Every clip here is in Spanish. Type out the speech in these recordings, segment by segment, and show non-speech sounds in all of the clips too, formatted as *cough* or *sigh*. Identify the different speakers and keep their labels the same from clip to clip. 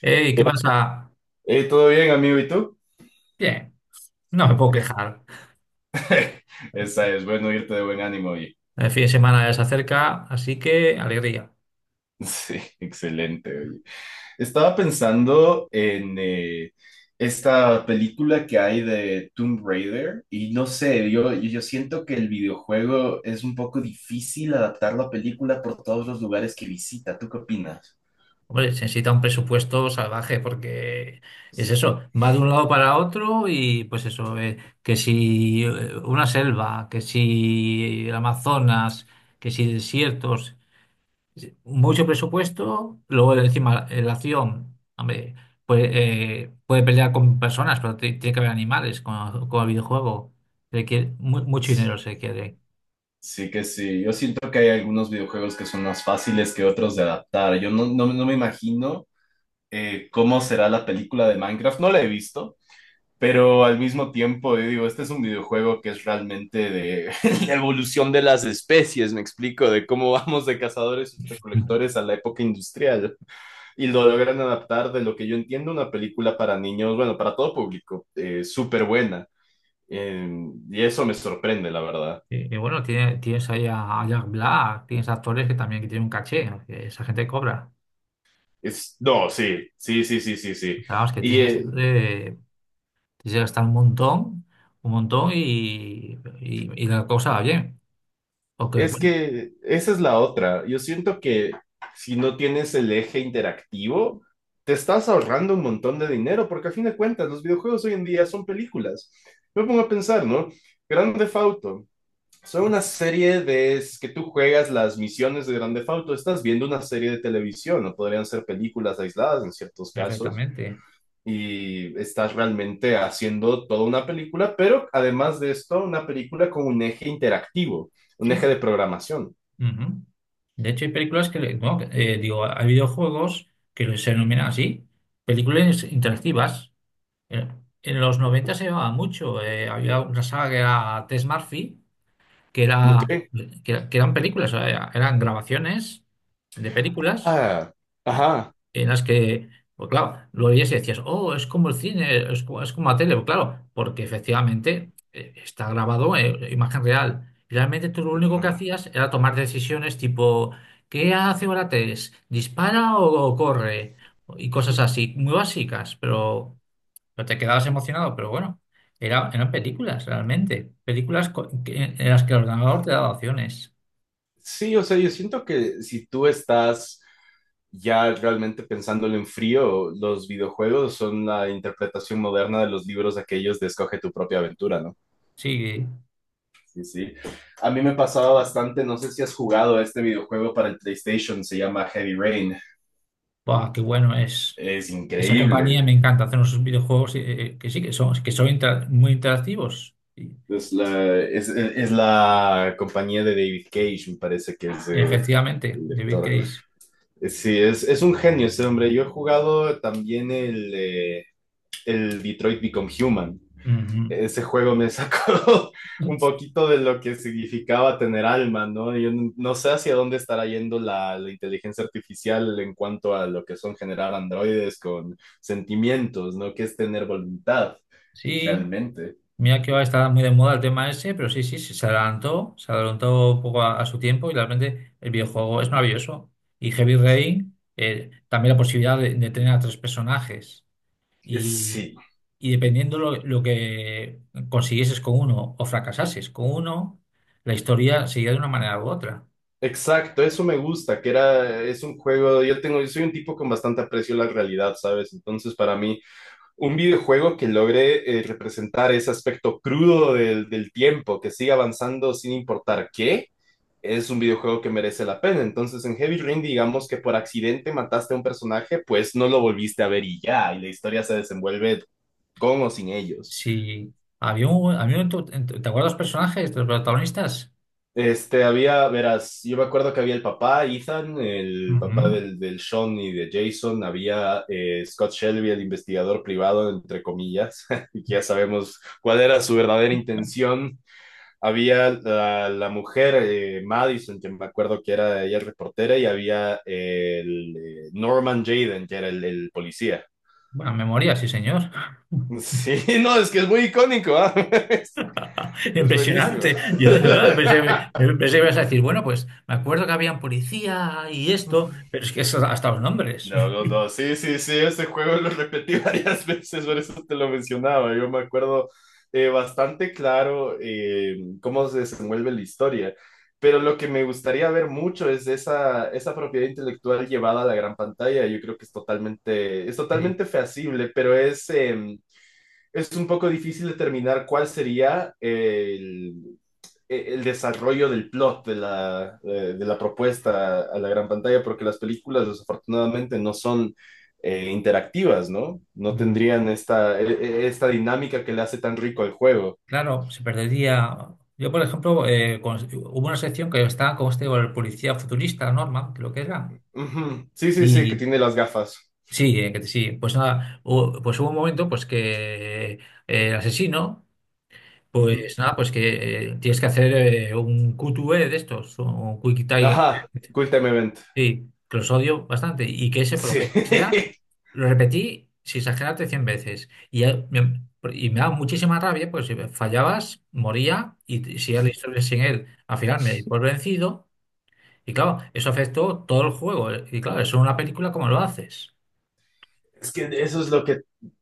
Speaker 1: Hey, ¿qué pasa?
Speaker 2: ¿Todo bien, amigo? ¿Y tú?
Speaker 1: Bien, no me puedo
Speaker 2: Es-
Speaker 1: quejar.
Speaker 2: esa es, bueno, irte de buen ánimo, oye. *laughs*
Speaker 1: El fin de semana ya se acerca, así que alegría.
Speaker 2: Sí, excelente, oye. Estaba pensando en esta película que hay de Tomb Raider y no sé, yo siento que el videojuego es un poco difícil adaptar la película por todos los lugares que visita. ¿Tú qué opinas?
Speaker 1: Hombre, se necesita un presupuesto salvaje porque es
Speaker 2: Sí,
Speaker 1: eso, va de un lado para otro y pues eso, que si una selva, que si el Amazonas, que si desiertos, mucho presupuesto, luego encima la acción, hombre, pues, puede pelear con personas, pero tiene que haber animales con el videojuego. Requiere, mucho dinero
Speaker 2: sí,
Speaker 1: se requiere.
Speaker 2: sí que sí. Yo siento que hay algunos videojuegos que son más fáciles que otros de adaptar. Yo no, no, no me imagino. Cómo será la película de Minecraft. No la he visto, pero al mismo tiempo yo digo, este es un videojuego que es realmente de *laughs* la evolución de las especies, me explico, de cómo vamos de cazadores y recolectores a la época industrial. Y lo logran adaptar de lo que yo entiendo una película para niños, bueno, para todo público, súper buena. Eh, y eso me sorprende, la verdad.
Speaker 1: Y bueno, tienes ahí a Jack Black, tienes actores que también que tienen un caché, que esa gente cobra.
Speaker 2: Es, no, sí, sí, sí, sí, sí,
Speaker 1: O
Speaker 2: sí.
Speaker 1: sea, vamos, que
Speaker 2: Y eh,
Speaker 1: tienes que gastar un montón y, y la cosa va bien. Porque,
Speaker 2: Es
Speaker 1: bueno,
Speaker 2: que esa es la otra. Yo siento que si no tienes el eje interactivo, te estás ahorrando un montón de dinero, porque a fin de cuentas los videojuegos hoy en día son películas. Me pongo a pensar, ¿no? Grand Theft Auto. Son una serie de es que tú juegas las misiones de Grand Theft Auto, estás viendo una serie de televisión, o podrían ser películas aisladas en ciertos casos,
Speaker 1: perfectamente.
Speaker 2: y estás realmente haciendo toda una película, pero además de esto, una película con un eje interactivo, un eje
Speaker 1: Sí.
Speaker 2: de programación.
Speaker 1: Ujú. De hecho, hay películas que, no, que, digo, hay videojuegos que se denominan así, películas interactivas. En los 90 se llevaba mucho. Había una saga que era Tess Murphy que
Speaker 2: ¿No qué?
Speaker 1: que eran películas, o sea, eran grabaciones de películas
Speaker 2: Ah,
Speaker 1: eh,
Speaker 2: ajá.
Speaker 1: en las que, pues claro, lo veías y decías, oh, es como el cine, es como la tele. Pues claro, porque efectivamente está grabado, imagen real. Y realmente tú lo único
Speaker 2: Ajá.
Speaker 1: que hacías era tomar decisiones tipo, ¿qué hace Orates? ¿Dispara o corre? Y cosas así, muy básicas, pero no te quedabas emocionado, pero bueno, eran películas realmente, películas en las que el ordenador te daba opciones.
Speaker 2: Sí, o sea, yo siento que si tú estás ya realmente pensándolo en frío, los videojuegos son la interpretación moderna de los libros aquellos de Escoge tu propia aventura, ¿no?
Speaker 1: Sí,
Speaker 2: Sí, sí. A mí me pasaba bastante, no sé si has jugado a este videojuego para el PlayStation, se llama Heavy Rain.
Speaker 1: buah, qué bueno es.
Speaker 2: Es
Speaker 1: Esa, sí, compañía
Speaker 2: increíble.
Speaker 1: me encanta. Hacer unos videojuegos, que sí, que son muy interactivos. Sí,
Speaker 2: Es la compañía de David Cage, me parece que es
Speaker 1: efectivamente,
Speaker 2: el
Speaker 1: David
Speaker 2: director.
Speaker 1: Case.
Speaker 2: Sí, es un genio ese hombre. Yo he jugado también el Detroit Become Human.
Speaker 1: Ujú.
Speaker 2: Ese juego me sacó *laughs* un poquito de lo que significaba tener alma, ¿no? Yo no sé hacia dónde estará yendo la inteligencia artificial en cuanto a lo que son generar androides con sentimientos, ¿no? Que es tener voluntad,
Speaker 1: Sí,
Speaker 2: realmente.
Speaker 1: mira que ahora está muy de moda el tema ese, pero sí, sí, sí, se adelantó un poco a su tiempo y realmente el videojuego es maravilloso. Y Heavy Rain, también la posibilidad de tener a tres personajes y,
Speaker 2: Sí,
Speaker 1: y dependiendo lo que consiguieses con uno o fracasases con uno, la historia seguía de una manera u otra.
Speaker 2: exacto, eso me gusta, que era, es un juego, yo soy un tipo con bastante aprecio a la realidad, ¿sabes? Entonces, para mí... un videojuego que logre representar ese aspecto crudo del tiempo, que siga avanzando sin importar qué, es un videojuego que merece la pena. Entonces, en Heavy Rain, digamos que por accidente mataste a un personaje, pues no lo volviste a ver y ya, y la historia se desenvuelve con o sin ellos.
Speaker 1: Si ¿te acuerdas de los personajes, de los protagonistas?
Speaker 2: Había, verás, yo me acuerdo que había el papá, Ethan, el papá
Speaker 1: Ujú.
Speaker 2: del Sean y de Jason, había Scott Shelby, el investigador privado, entre comillas, *laughs* y ya sabemos cuál era su verdadera intención. Había la mujer, Madison, que me acuerdo que era ella reportera, y había el Norman Jaden, que era el policía.
Speaker 1: Buena memoria, sí, señor.
Speaker 2: *laughs*
Speaker 1: *laughs*
Speaker 2: Sí, no, es que es muy icónico, ¿ah? *laughs* Es,
Speaker 1: *laughs*
Speaker 2: es buenísimo. *laughs*
Speaker 1: Impresionante. Yo de verdad pensé que ibas a decir, bueno, pues me acuerdo que había un policía y esto, pero es que eso, hasta los nombres.
Speaker 2: No,
Speaker 1: *laughs*
Speaker 2: los dos. Sí, sí, sí, ese juego lo repetí *laughs* varias veces, por eso te lo mencionaba. Yo me acuerdo bastante claro cómo se desenvuelve la historia, pero lo que me gustaría ver mucho es esa propiedad intelectual llevada a la gran pantalla. Yo creo que es
Speaker 1: Y,
Speaker 2: totalmente feasible, pero es un poco difícil determinar cuál sería el desarrollo del plot de la propuesta a la gran pantalla, porque las películas desafortunadamente no son interactivas, ¿no? No
Speaker 1: mm,
Speaker 2: tendrían esta dinámica que le hace tan rico al juego.
Speaker 1: claro, se perdería. Yo, por ejemplo, hubo una sección que estaba con este, con el policía futurista, Norman, creo que era.
Speaker 2: Ujú. Sí, sí, sí, que
Speaker 1: Y
Speaker 2: tiene las gafas.
Speaker 1: sí, que sí, pues nada, pues hubo un momento pues que el asesino,
Speaker 2: Ujú.
Speaker 1: pues nada, pues que tienes que hacer un QTE de estos, un Quick Time.
Speaker 2: Ajá, Quick Time Event.
Speaker 1: Sí, que los odio bastante y que ese, por lo
Speaker 2: Sí.
Speaker 1: que sea,
Speaker 2: *laughs*
Speaker 1: lo repetí sin exagerarte 100 veces. Y me daba muchísima rabia, pues si fallabas, moría y si era la historia sin él. Al final me di por vencido y claro, eso afectó todo el juego. Y claro, eso en una película, ¿cómo lo haces?
Speaker 2: Es que eso es lo que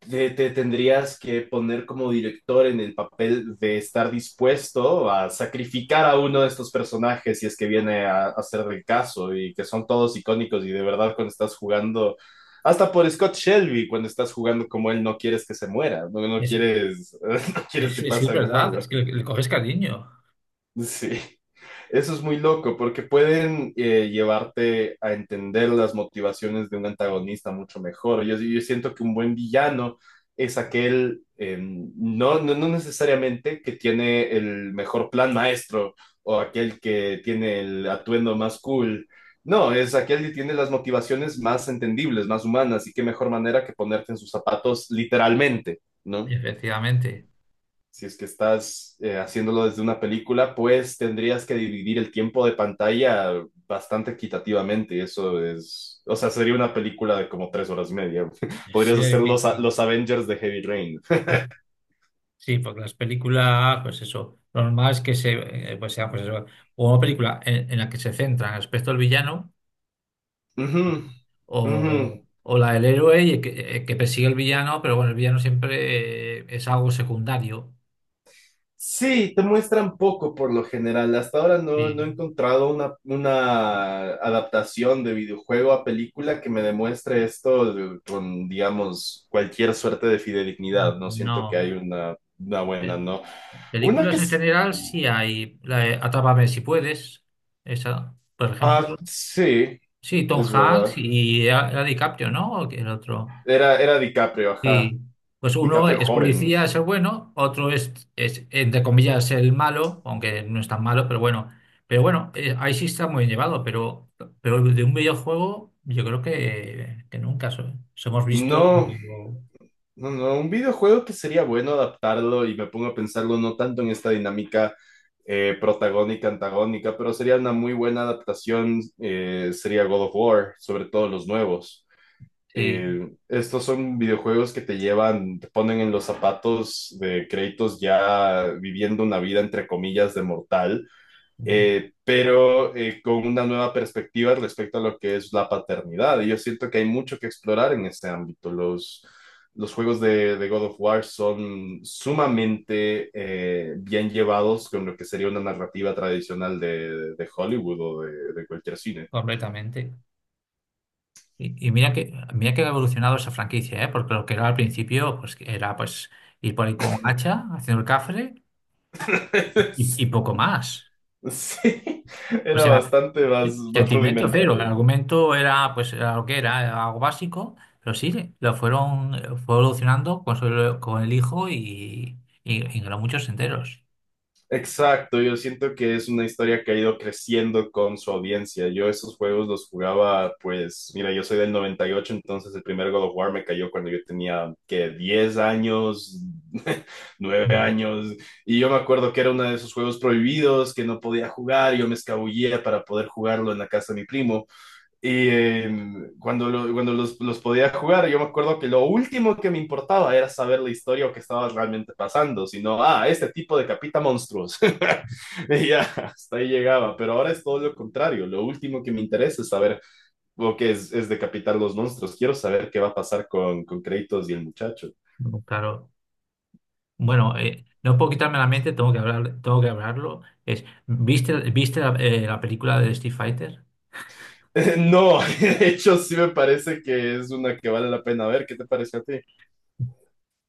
Speaker 2: te tendrías que poner como director en el papel de estar dispuesto a sacrificar a uno de estos personajes si es que viene a ser del caso y que son todos icónicos y de verdad cuando estás jugando, hasta por Scott Shelby, cuando estás jugando como él no quieres que se muera, no, no
Speaker 1: Es,
Speaker 2: quieres, *laughs* no quieres que
Speaker 1: es que es
Speaker 2: pase algo
Speaker 1: verdad,
Speaker 2: malo.
Speaker 1: es que le coges cariño,
Speaker 2: Sí. Eso es muy loco porque pueden llevarte a entender las motivaciones de un antagonista mucho mejor. Yo siento que un buen villano es aquel, no, no, no necesariamente que tiene el mejor plan maestro o aquel que tiene el atuendo más cool. No, es aquel que tiene las motivaciones más entendibles, más humanas, y qué mejor manera que ponerte en sus zapatos literalmente, ¿no?
Speaker 1: efectivamente.
Speaker 2: Si es que estás haciéndolo desde una película, pues tendrías que dividir el tiempo de pantalla bastante equitativamente. Eso es, o sea, sería una película de como 3 horas y media. *laughs* Podrías
Speaker 1: Sí,
Speaker 2: hacer
Speaker 1: es
Speaker 2: los,
Speaker 1: difícil.
Speaker 2: los Avengers de Heavy Rain.
Speaker 1: Sí, porque las películas, pues eso, lo normal es que pues sea, pues eso, o una película en la que se centra en el aspecto del villano
Speaker 2: Ujú, ujú.
Speaker 1: o la del héroe y que persigue al villano, pero bueno, el villano siempre es algo secundario.
Speaker 2: Sí, te muestran poco por lo general. Hasta ahora no, no
Speaker 1: Y
Speaker 2: he encontrado una adaptación de videojuego a película que me demuestre esto de- con, digamos, cualquier suerte de fidedignidad. No siento que
Speaker 1: no.
Speaker 2: hay una buena,
Speaker 1: Pel-
Speaker 2: ¿no? Una que
Speaker 1: Películas en
Speaker 2: es...
Speaker 1: general sí hay. La de Atrápame si puedes, esa, por
Speaker 2: Ah,
Speaker 1: ejemplo.
Speaker 2: sí,
Speaker 1: Sí, Tom
Speaker 2: es
Speaker 1: Hanks
Speaker 2: verdad.
Speaker 1: y era DiCaprio, ¿no? ¿O el otro?
Speaker 2: Era DiCaprio, ajá.
Speaker 1: Sí, pues uno
Speaker 2: DiCaprio
Speaker 1: es
Speaker 2: joven.
Speaker 1: policía, es el bueno, otro es, entre comillas, el malo, aunque no es tan malo, pero bueno. Pero bueno, ahí sí está muy bien llevado, pero, de un videojuego yo creo que nunca somos visto,
Speaker 2: No, no, no, un videojuego que sería bueno adaptarlo y me pongo a pensarlo no tanto en esta dinámica protagónica, antagónica, pero sería una muy buena adaptación, sería God of War, sobre todo los nuevos.
Speaker 1: sí,
Speaker 2: Estos son videojuegos que te llevan, te ponen en los zapatos de Kratos ya viviendo una vida entre comillas de mortal pero con una nueva perspectiva respecto a lo que es la paternidad. Y yo siento que hay mucho que explorar en este ámbito. Los juegos de God of War son sumamente bien llevados con lo que sería una narrativa tradicional de Hollywood o de cualquier cine.
Speaker 1: completamente. Y mira que, ha evolucionado esa franquicia, ¿eh? Porque lo que era al principio, pues que era, pues ir por ahí con hacha, haciendo el cafre y
Speaker 2: *laughs*
Speaker 1: poco más.
Speaker 2: Sí,
Speaker 1: O
Speaker 2: era
Speaker 1: sea,
Speaker 2: bastante más
Speaker 1: sentimiento cero, el
Speaker 2: rudimentario, ¿no?
Speaker 1: argumento era, pues era lo que era, era algo básico, pero sí, lo fueron fue evolucionando con, con el hijo y ganó muchos enteros.
Speaker 2: Exacto, yo siento que es una historia que ha ido creciendo con su audiencia. Yo esos juegos los jugaba, pues, mira, yo soy del 98, entonces el primer God of War me cayó cuando yo tenía, que 10 años, *laughs* nueve
Speaker 1: Mm.
Speaker 2: años, y yo me acuerdo que era uno de esos juegos prohibidos que no podía jugar, yo me escabullía para poder jugarlo en la casa de mi primo, y cuando los podía jugar, yo me acuerdo que lo último que me importaba era saber la historia o qué estaba realmente pasando, sino, ah, este tipo decapita monstruos. *laughs* Y ya, hasta ahí llegaba, pero ahora es todo lo contrario. Lo último que me interesa es saber lo que es decapitar los monstruos. Quiero saber qué va a pasar con Kratos y el muchacho.
Speaker 1: Claro. Bueno, no puedo quitarme la mente, tengo que hablarlo. Es, viste la película de Street Fighter?
Speaker 2: *laughs* No, *laughs* de hecho sí me parece que es una que vale la pena ver. ¿Qué te parece a ti?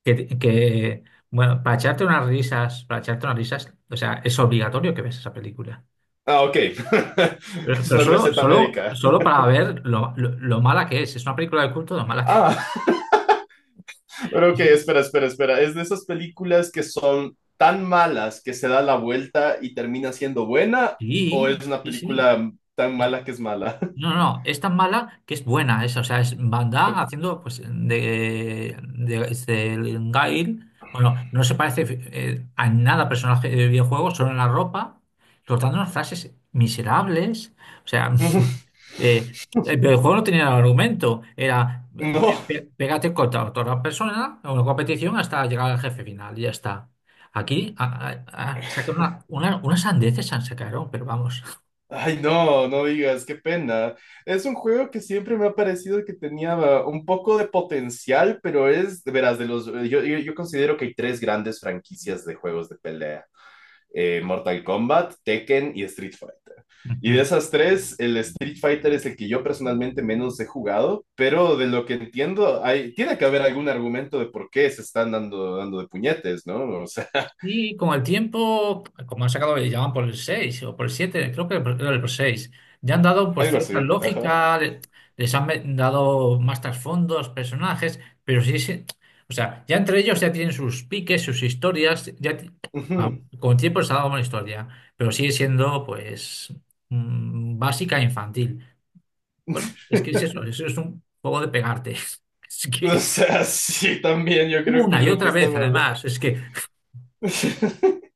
Speaker 1: Que, que, bueno, para echarte unas risas, para echarte unas risas, o sea, es obligatorio que veas esa película.
Speaker 2: Ah, ok. *laughs*
Speaker 1: Pero
Speaker 2: Es
Speaker 1: pero
Speaker 2: una
Speaker 1: solo,
Speaker 2: receta
Speaker 1: solo,
Speaker 2: médica.
Speaker 1: solo para ver lo mala que es. Es una película de culto, lo mala que *laughs*
Speaker 2: Ah, pero ok,
Speaker 1: es.
Speaker 2: espera, espera, espera. ¿Es de esas películas que son tan malas que se da la vuelta y termina siendo buena,
Speaker 1: Sí,
Speaker 2: o es una
Speaker 1: sí, sí.
Speaker 2: película tan
Speaker 1: Sí.
Speaker 2: mala que es mala?
Speaker 1: No, no, es tan mala que es buena esa. O sea, es Van Damme haciendo pues este, el Gail. Bueno, no se parece a nada personaje de videojuego, solo en la ropa, soltando unas frases miserables. O sea,
Speaker 2: *laughs*
Speaker 1: *laughs* el videojuego no tenía argumento, era
Speaker 2: No,
Speaker 1: pégate contra otra persona en una competición hasta llegar al jefe final, y ya está. Aquí sacaron unas sandeces, se sacaron, pero vamos.
Speaker 2: ay no, no digas, qué pena. Es un juego que siempre me ha parecido que tenía un poco de potencial, pero es, verás, yo considero que hay tres grandes franquicias de juegos de pelea. Mortal Kombat, Tekken y Street Fighter. Y de
Speaker 1: *laughs*
Speaker 2: esas tres, el Street Fighter es el que yo personalmente menos he jugado, pero de lo que entiendo, tiene que haber algún argumento de por qué se están dando de puñetes, ¿no? O sea,
Speaker 1: Y con el tiempo, como han sacado, ya van por el 6 o por el siete, creo que era el seis. Ya han dado
Speaker 2: *laughs*
Speaker 1: pues
Speaker 2: algo
Speaker 1: cierta
Speaker 2: así, ajá.
Speaker 1: lógica. Les han dado más trasfondos, personajes, pero sí, sí, o sea, ya entre ellos ya tienen sus piques, sus historias, ah,
Speaker 2: Ujú.
Speaker 1: con el tiempo les ha dado una historia, pero sigue siendo pues básica e infantil. Bueno, es que es eso, eso es un juego de pegarte. *laughs* Es
Speaker 2: O
Speaker 1: que
Speaker 2: sea, *laughs* sí, también yo creo que
Speaker 1: una y
Speaker 2: lo que
Speaker 1: otra vez,
Speaker 2: estaba...
Speaker 1: además, es que
Speaker 2: *laughs*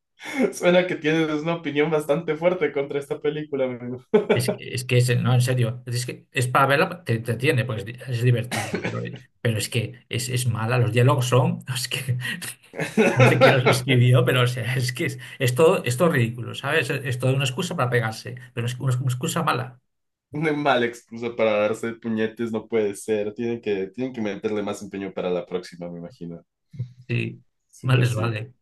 Speaker 2: Suena que tienes una opinión bastante fuerte contra esta película, amigo.
Speaker 1: Es que no, en serio, es que es para verla, te entretiene, pues es divertido, pero, es que es mala, los diálogos son, *laughs* es que no sé quién los
Speaker 2: *laughs*
Speaker 1: escribió, pero o sea, es que es todo ridículo, ¿sabes? Es toda una excusa para pegarse, pero es una excusa mala,
Speaker 2: Una mala excusa para darse puñetes, no puede ser. Tienen que meterle más empeño para la próxima, me imagino.
Speaker 1: sí,
Speaker 2: Así
Speaker 1: mal
Speaker 2: que
Speaker 1: les
Speaker 2: sí.
Speaker 1: vale.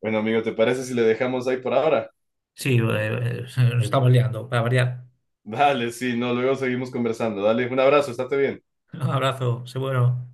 Speaker 2: Bueno, amigo, ¿te parece si le dejamos ahí por ahora?
Speaker 1: Sí, nos estamos liando, para variar.
Speaker 2: Dale, sí, no, luego seguimos conversando. Dale, un abrazo, estate bien.
Speaker 1: *laughs* Un abrazo, seguro.